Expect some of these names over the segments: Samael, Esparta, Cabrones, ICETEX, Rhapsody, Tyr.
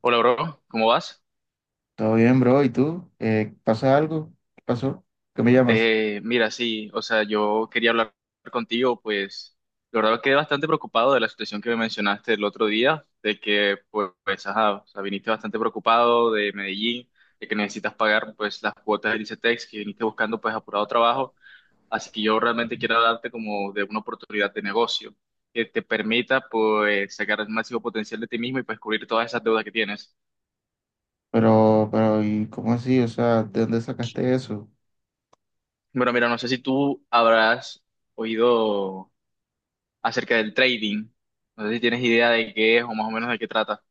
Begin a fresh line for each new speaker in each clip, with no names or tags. Hola, bro, ¿cómo vas?
Todo bien, bro. ¿Y tú? ¿Pasa algo? ¿Qué pasó? ¿Qué me llamas?
Mira, sí, o sea, yo quería hablar contigo, pues la verdad quedé bastante preocupado de la situación que me mencionaste el otro día, de que, pues, ajá, o sea, viniste bastante preocupado de Medellín, de que necesitas pagar, pues, las cuotas del ICETEX, que viniste buscando, pues, apurado trabajo, así que yo realmente quiero darte como de una oportunidad de negocio que te permita, pues, sacar el máximo potencial de ti mismo y, pues, cubrir todas esas deudas que tienes.
Pero, ¿y cómo así? O sea, ¿de dónde sacaste eso?
Bueno, mira, no sé si tú habrás oído acerca del trading. No sé si tienes idea de qué es o más o menos de qué trata.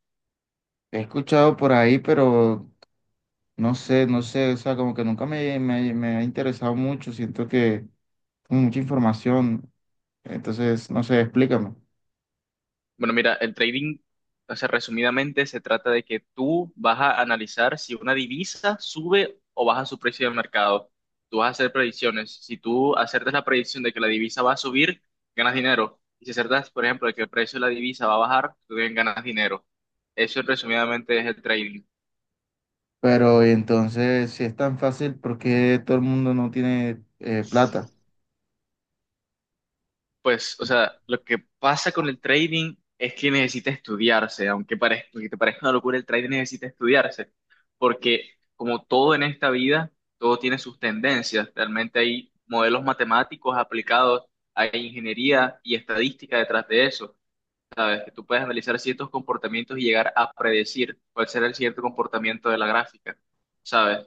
He escuchado por ahí, pero no sé, no sé. O sea, como que nunca me ha interesado mucho. Siento que tengo mucha información. Entonces, no sé, explícame.
Bueno, mira, el trading, o sea, resumidamente se trata de que tú vas a analizar si una divisa sube o baja su precio de mercado. Tú vas a hacer predicciones. Si tú acertas la predicción de que la divisa va a subir, ganas dinero. Y si acertas, por ejemplo, de que el precio de la divisa va a bajar, tú también ganas dinero. Eso resumidamente es el trading.
Pero, y entonces, si es tan fácil, ¿por qué todo el mundo no tiene plata?
Pues, o sea, lo que pasa con el trading es que necesita estudiarse, aunque aunque te parezca una locura, el trading necesita estudiarse, porque como todo en esta vida, todo tiene sus tendencias. Realmente hay modelos matemáticos aplicados, hay ingeniería y estadística detrás de eso. Es que tú puedes analizar ciertos comportamientos y llegar a predecir cuál será el cierto comportamiento de la gráfica, ¿sabes?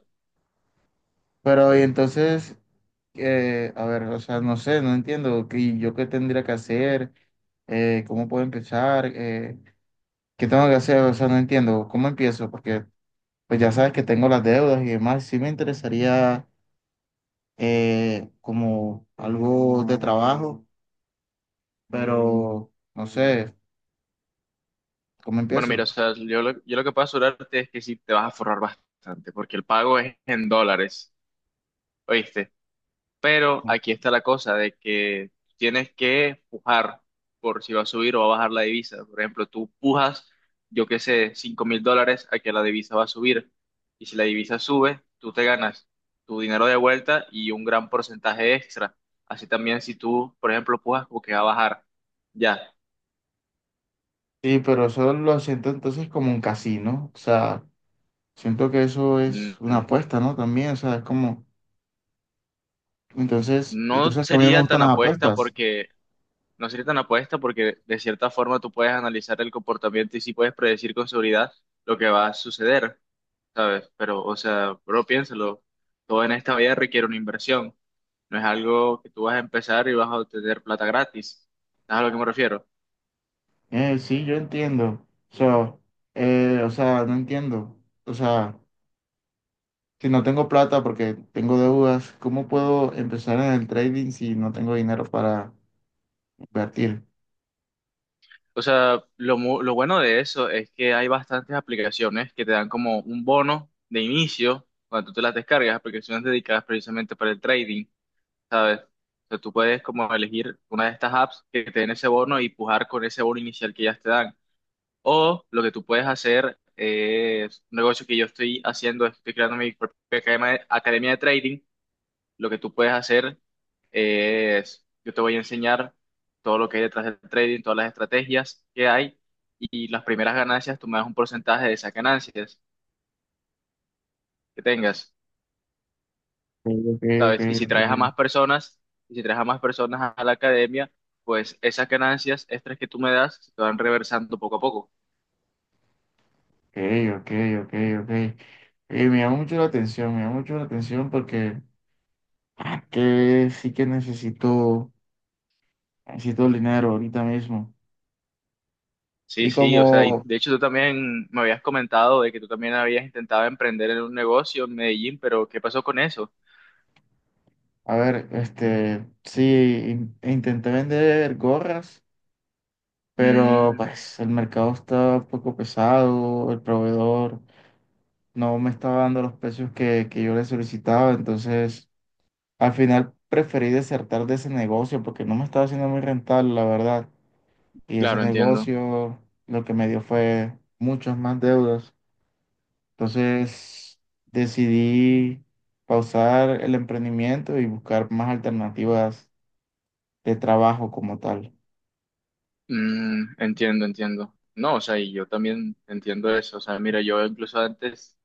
Pero, y entonces, a ver, o sea, no sé, no entiendo qué, yo qué tendría que hacer, cómo puedo empezar, qué tengo que hacer, o sea, no entiendo cómo empiezo, porque pues ya sabes que tengo las deudas y demás, sí me interesaría como algo de trabajo, pero no sé, ¿cómo
Bueno, mira, o
empiezo?
sea, yo lo que puedo asegurarte es que sí te vas a forrar bastante, porque el pago es en dólares. ¿Oíste? Pero aquí está la cosa de que tienes que pujar por si va a subir o va a bajar la divisa. Por ejemplo, tú pujas, yo qué sé, $5,000 a que la divisa va a subir. Y si la divisa sube, tú te ganas tu dinero de vuelta y un gran porcentaje extra. Así también si tú, por ejemplo, pujas como que va a bajar. Ya.
Sí, pero eso lo siento entonces como un casino, o sea, siento que eso
Mm,
es una
mm,
apuesta, ¿no? También, o sea, es como, entonces, y tú
No
sabes que a mí no me
sería
gustan
tan
las
apuesta
apuestas.
porque, no sería tan apuesta porque de cierta forma tú puedes analizar el comportamiento y sí puedes predecir con seguridad lo que va a suceder. ¿Sabes? Pero, o sea, bro, piénsalo, todo en esta vida requiere una inversión. No es algo que tú vas a empezar y vas a obtener plata gratis. ¿Sabes a lo que me refiero?
Sí, yo entiendo. So, o sea, no entiendo. O sea, si no tengo plata porque tengo deudas, ¿cómo puedo empezar en el trading si no tengo dinero para invertir?
O sea, lo bueno de eso es que hay bastantes aplicaciones que te dan como un bono de inicio cuando tú te las descargas, aplicaciones dedicadas precisamente para el trading, ¿sabes? O sea, tú puedes como elegir una de estas apps que te den ese bono y pujar con ese bono inicial que ya te dan. O lo que tú puedes hacer es un negocio que yo estoy haciendo, estoy creando mi propia academia, academia de trading. Lo que tú puedes hacer es, yo te voy a enseñar todo lo que hay detrás del trading, todas las estrategias que hay y las primeras ganancias, tú me das un porcentaje de esas ganancias que tengas,
Ok, ok, ok,
¿sabes?
ok,
Y si traes a más personas a la academia, pues esas ganancias extras que tú me das se te van reversando poco a poco.
ok, ok, ok, ok. Me llama mucho la atención, me llama mucho la atención porque ah, que sí que necesito, necesito el dinero ahorita mismo.
Sí,
Y
sí, o sea, y
como,
de hecho tú también me habías comentado de que tú también habías intentado emprender en un negocio en Medellín, pero ¿qué pasó con eso?
a ver, este, sí, intenté vender gorras, pero
Mm,
pues el mercado está un poco pesado, el proveedor no me estaba dando los precios que yo le solicitaba, entonces al final preferí desertar de ese negocio porque no me estaba haciendo muy rentable, la verdad, y ese
claro, entiendo.
negocio lo que me dio fue muchas más deudas, entonces decidí pausar el emprendimiento y buscar más alternativas de trabajo como tal.
Mm, entiendo, entiendo. No, o sea, y yo también entiendo eso. O sea, mira, yo incluso antes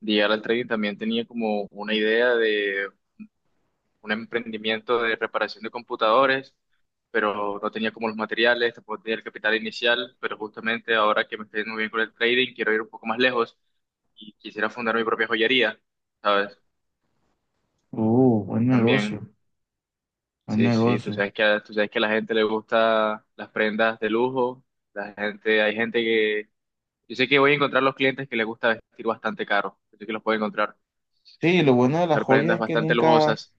de llegar al trading también tenía como una idea un emprendimiento de reparación de computadores, pero no tenía como los materiales, tampoco tenía el capital inicial, pero justamente ahora que me estoy yendo muy bien con el trading, quiero ir un poco más lejos y quisiera fundar mi propia joyería, ¿sabes?
Buen
También,
negocio, buen
sí, sí,
negocio.
tú sabes que a la gente le gusta las prendas de lujo, la gente, hay gente que, yo sé que voy a encontrar los clientes que les gusta vestir bastante caro, yo sé que los puedo encontrar,
Sí, lo bueno de las
ver
joyas
prendas
es que
bastante
nunca,
lujosas.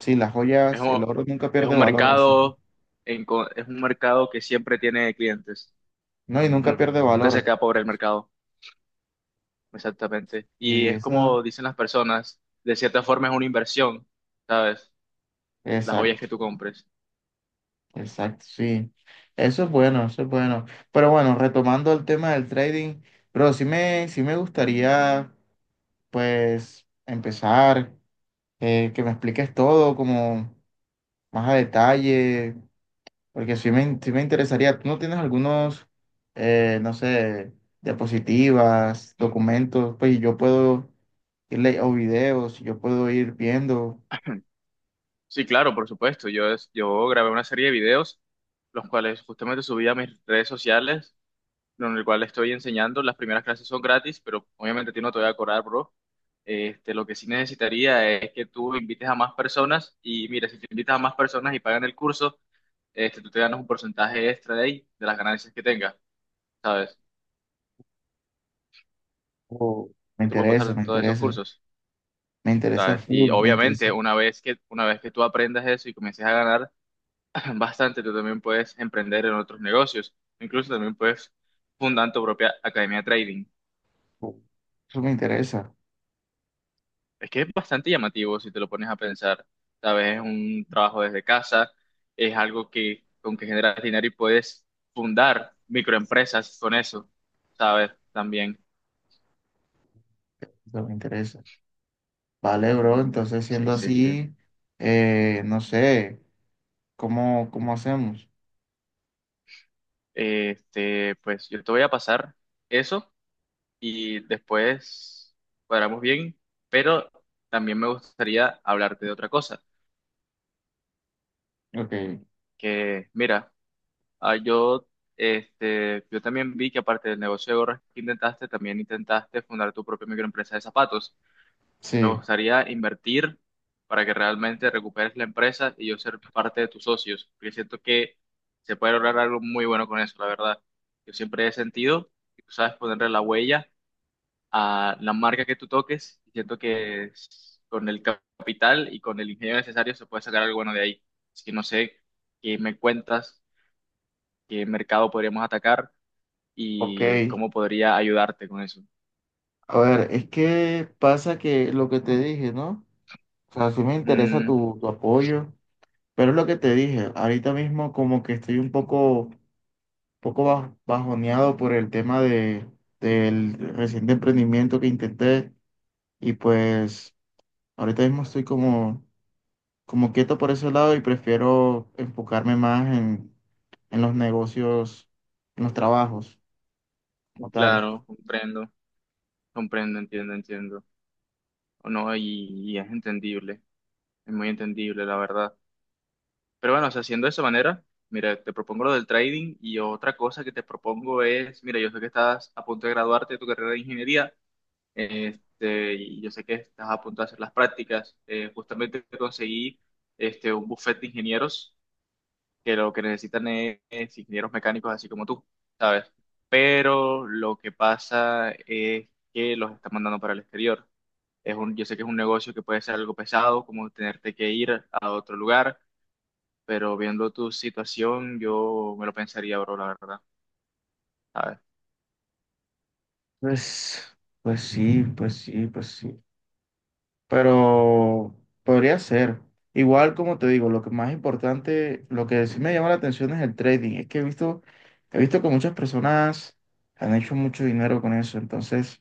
sí, las
Es
joyas,
un,
el oro nunca
es
pierde
un
valor, así que,
mercado, es un mercado que siempre tiene clientes.
no, y nunca
Nun-
pierde
Nunca se
valor.
queda pobre el mercado, exactamente. Y
Y
es
eso,
como dicen las personas, de cierta forma es una inversión, ¿sabes? Las joyas
exacto,
que tú compres.
exacto, sí. Eso es bueno, eso es bueno. Pero bueno, retomando el tema del trading, pero sí me gustaría, pues, empezar, que me expliques todo como más a detalle. Porque sí me interesaría. ¿Tú no tienes algunos, no sé, diapositivas, documentos? Pues yo puedo irle o videos, yo puedo ir viendo.
Sí, claro, por supuesto. Yo grabé una serie de videos, los cuales justamente subí a mis redes sociales en el cual estoy enseñando. Las primeras clases son gratis, pero obviamente a ti no te voy a cobrar, bro. Este, lo que sí necesitaría es que tú invites a más personas y mira, si te invitas a más personas y pagan el curso, este, tú te ganas un porcentaje extra de ahí, de las ganancias que tengas, ¿sabes?
O me
Yo te puedo
interesa,
pasar
me
todos esos
interesa.
cursos,
Me interesa
¿sabes? Y
full, me interesa.
obviamente una vez que tú aprendas eso y comiences a ganar bastante, tú también puedes emprender en otros negocios, incluso también puedes fundar tu propia academia de trading.
Full. Eso me interesa,
Es que es bastante llamativo si te lo pones a pensar, ¿sabes? Es un trabajo desde casa, es algo que con que generas dinero y puedes fundar microempresas con eso, ¿sabes? También.
eso me interesa. Vale, bro, entonces
Sí,
siendo
sí, sí.
así, no sé, cómo hacemos?
Este, pues yo te voy a pasar eso y después cuadramos bien, pero también me gustaría hablarte de otra cosa,
Ok,
que mira, Ah, yo, este, yo también vi que aparte del negocio de gorras que intentaste, también intentaste fundar tu propia microempresa de zapatos. Me
sí,
gustaría invertir para que realmente recuperes la empresa y yo ser parte de tus socios, porque siento que se puede lograr algo muy bueno con eso, la verdad. Yo siempre he sentido que tú sabes ponerle la huella a la marca que tú toques y siento que con el capital y con el ingenio necesario se puede sacar algo bueno de ahí. Así que no sé qué me cuentas, qué mercado podríamos atacar
ok.
y cómo podría ayudarte con eso.
A ver, es que pasa que lo que te dije, ¿no? O sea, sí me interesa
Mm,
tu apoyo, pero es lo que te dije, ahorita mismo como que estoy un poco, poco bajoneado por el tema de, del reciente emprendimiento que intenté, y pues ahorita mismo estoy como, como quieto por ese lado y prefiero enfocarme más en los negocios, en los trabajos como tal.
claro, comprendo, comprendo, entiendo, entiendo. O no, y es entendible, es muy entendible, la verdad. Pero bueno, o sea, haciendo de esa manera, mira, te propongo lo del trading y otra cosa que te propongo es, mira, yo sé que estás a punto de graduarte de tu carrera de ingeniería, este, y yo sé que estás a punto de hacer las prácticas. Justamente conseguí este, un buffet de ingenieros que lo que necesitan es ingenieros mecánicos así como tú, ¿sabes? Pero lo que pasa es que los están mandando para el exterior. Yo sé que es un negocio que puede ser algo pesado, como tenerte que ir a otro lugar, pero viendo tu situación, yo me lo pensaría, bro, la verdad, ¿sabes?
Pues, pues sí, pues sí, pues sí. Pero podría ser. Igual, como te digo, lo que más importante, lo que sí me llama la atención es el trading. Es que he visto que muchas personas han hecho mucho dinero con eso. Entonces,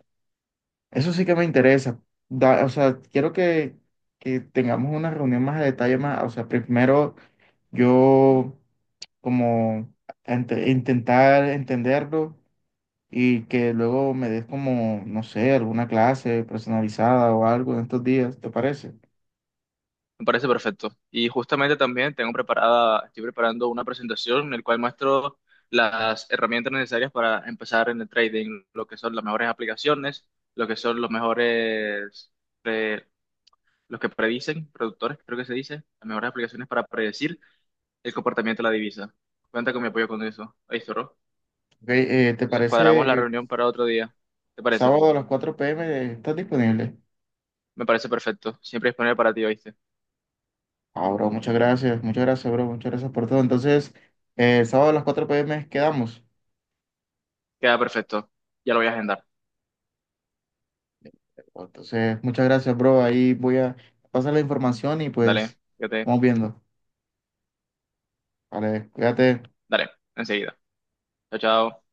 eso sí que me interesa. Da- o sea, quiero que tengamos una reunión más a detalle, más, o sea, primero yo como intentar entenderlo y que luego me des como, no sé, alguna clase personalizada o algo en estos días, ¿te parece?
Me parece perfecto. Y justamente también tengo preparada, estoy preparando una presentación en la cual muestro las herramientas necesarias para empezar en el trading, lo que son las mejores aplicaciones, lo que son los mejores, eh, los que predicen, productores, creo que se dice, las mejores aplicaciones para predecir el comportamiento de la divisa. Cuenta con mi apoyo con eso. Ahí, zorro.
Ok, ¿te
Entonces
parece
cuadramos la
el
reunión para otro día. ¿Te parece?
sábado a las 4 p. m. estás disponible?
Me parece perfecto. Siempre disponible para ti, ¿oíste?
Ah, bro, muchas gracias, bro, muchas gracias por todo. Entonces, el sábado a las 4 p. m. quedamos.
Queda perfecto. Ya lo voy a agendar.
Entonces, muchas gracias, bro. Ahí voy a pasar la información y
Dale,
pues
fíjate.
vamos viendo. Vale, cuídate.
Dale, enseguida. Chao, chao.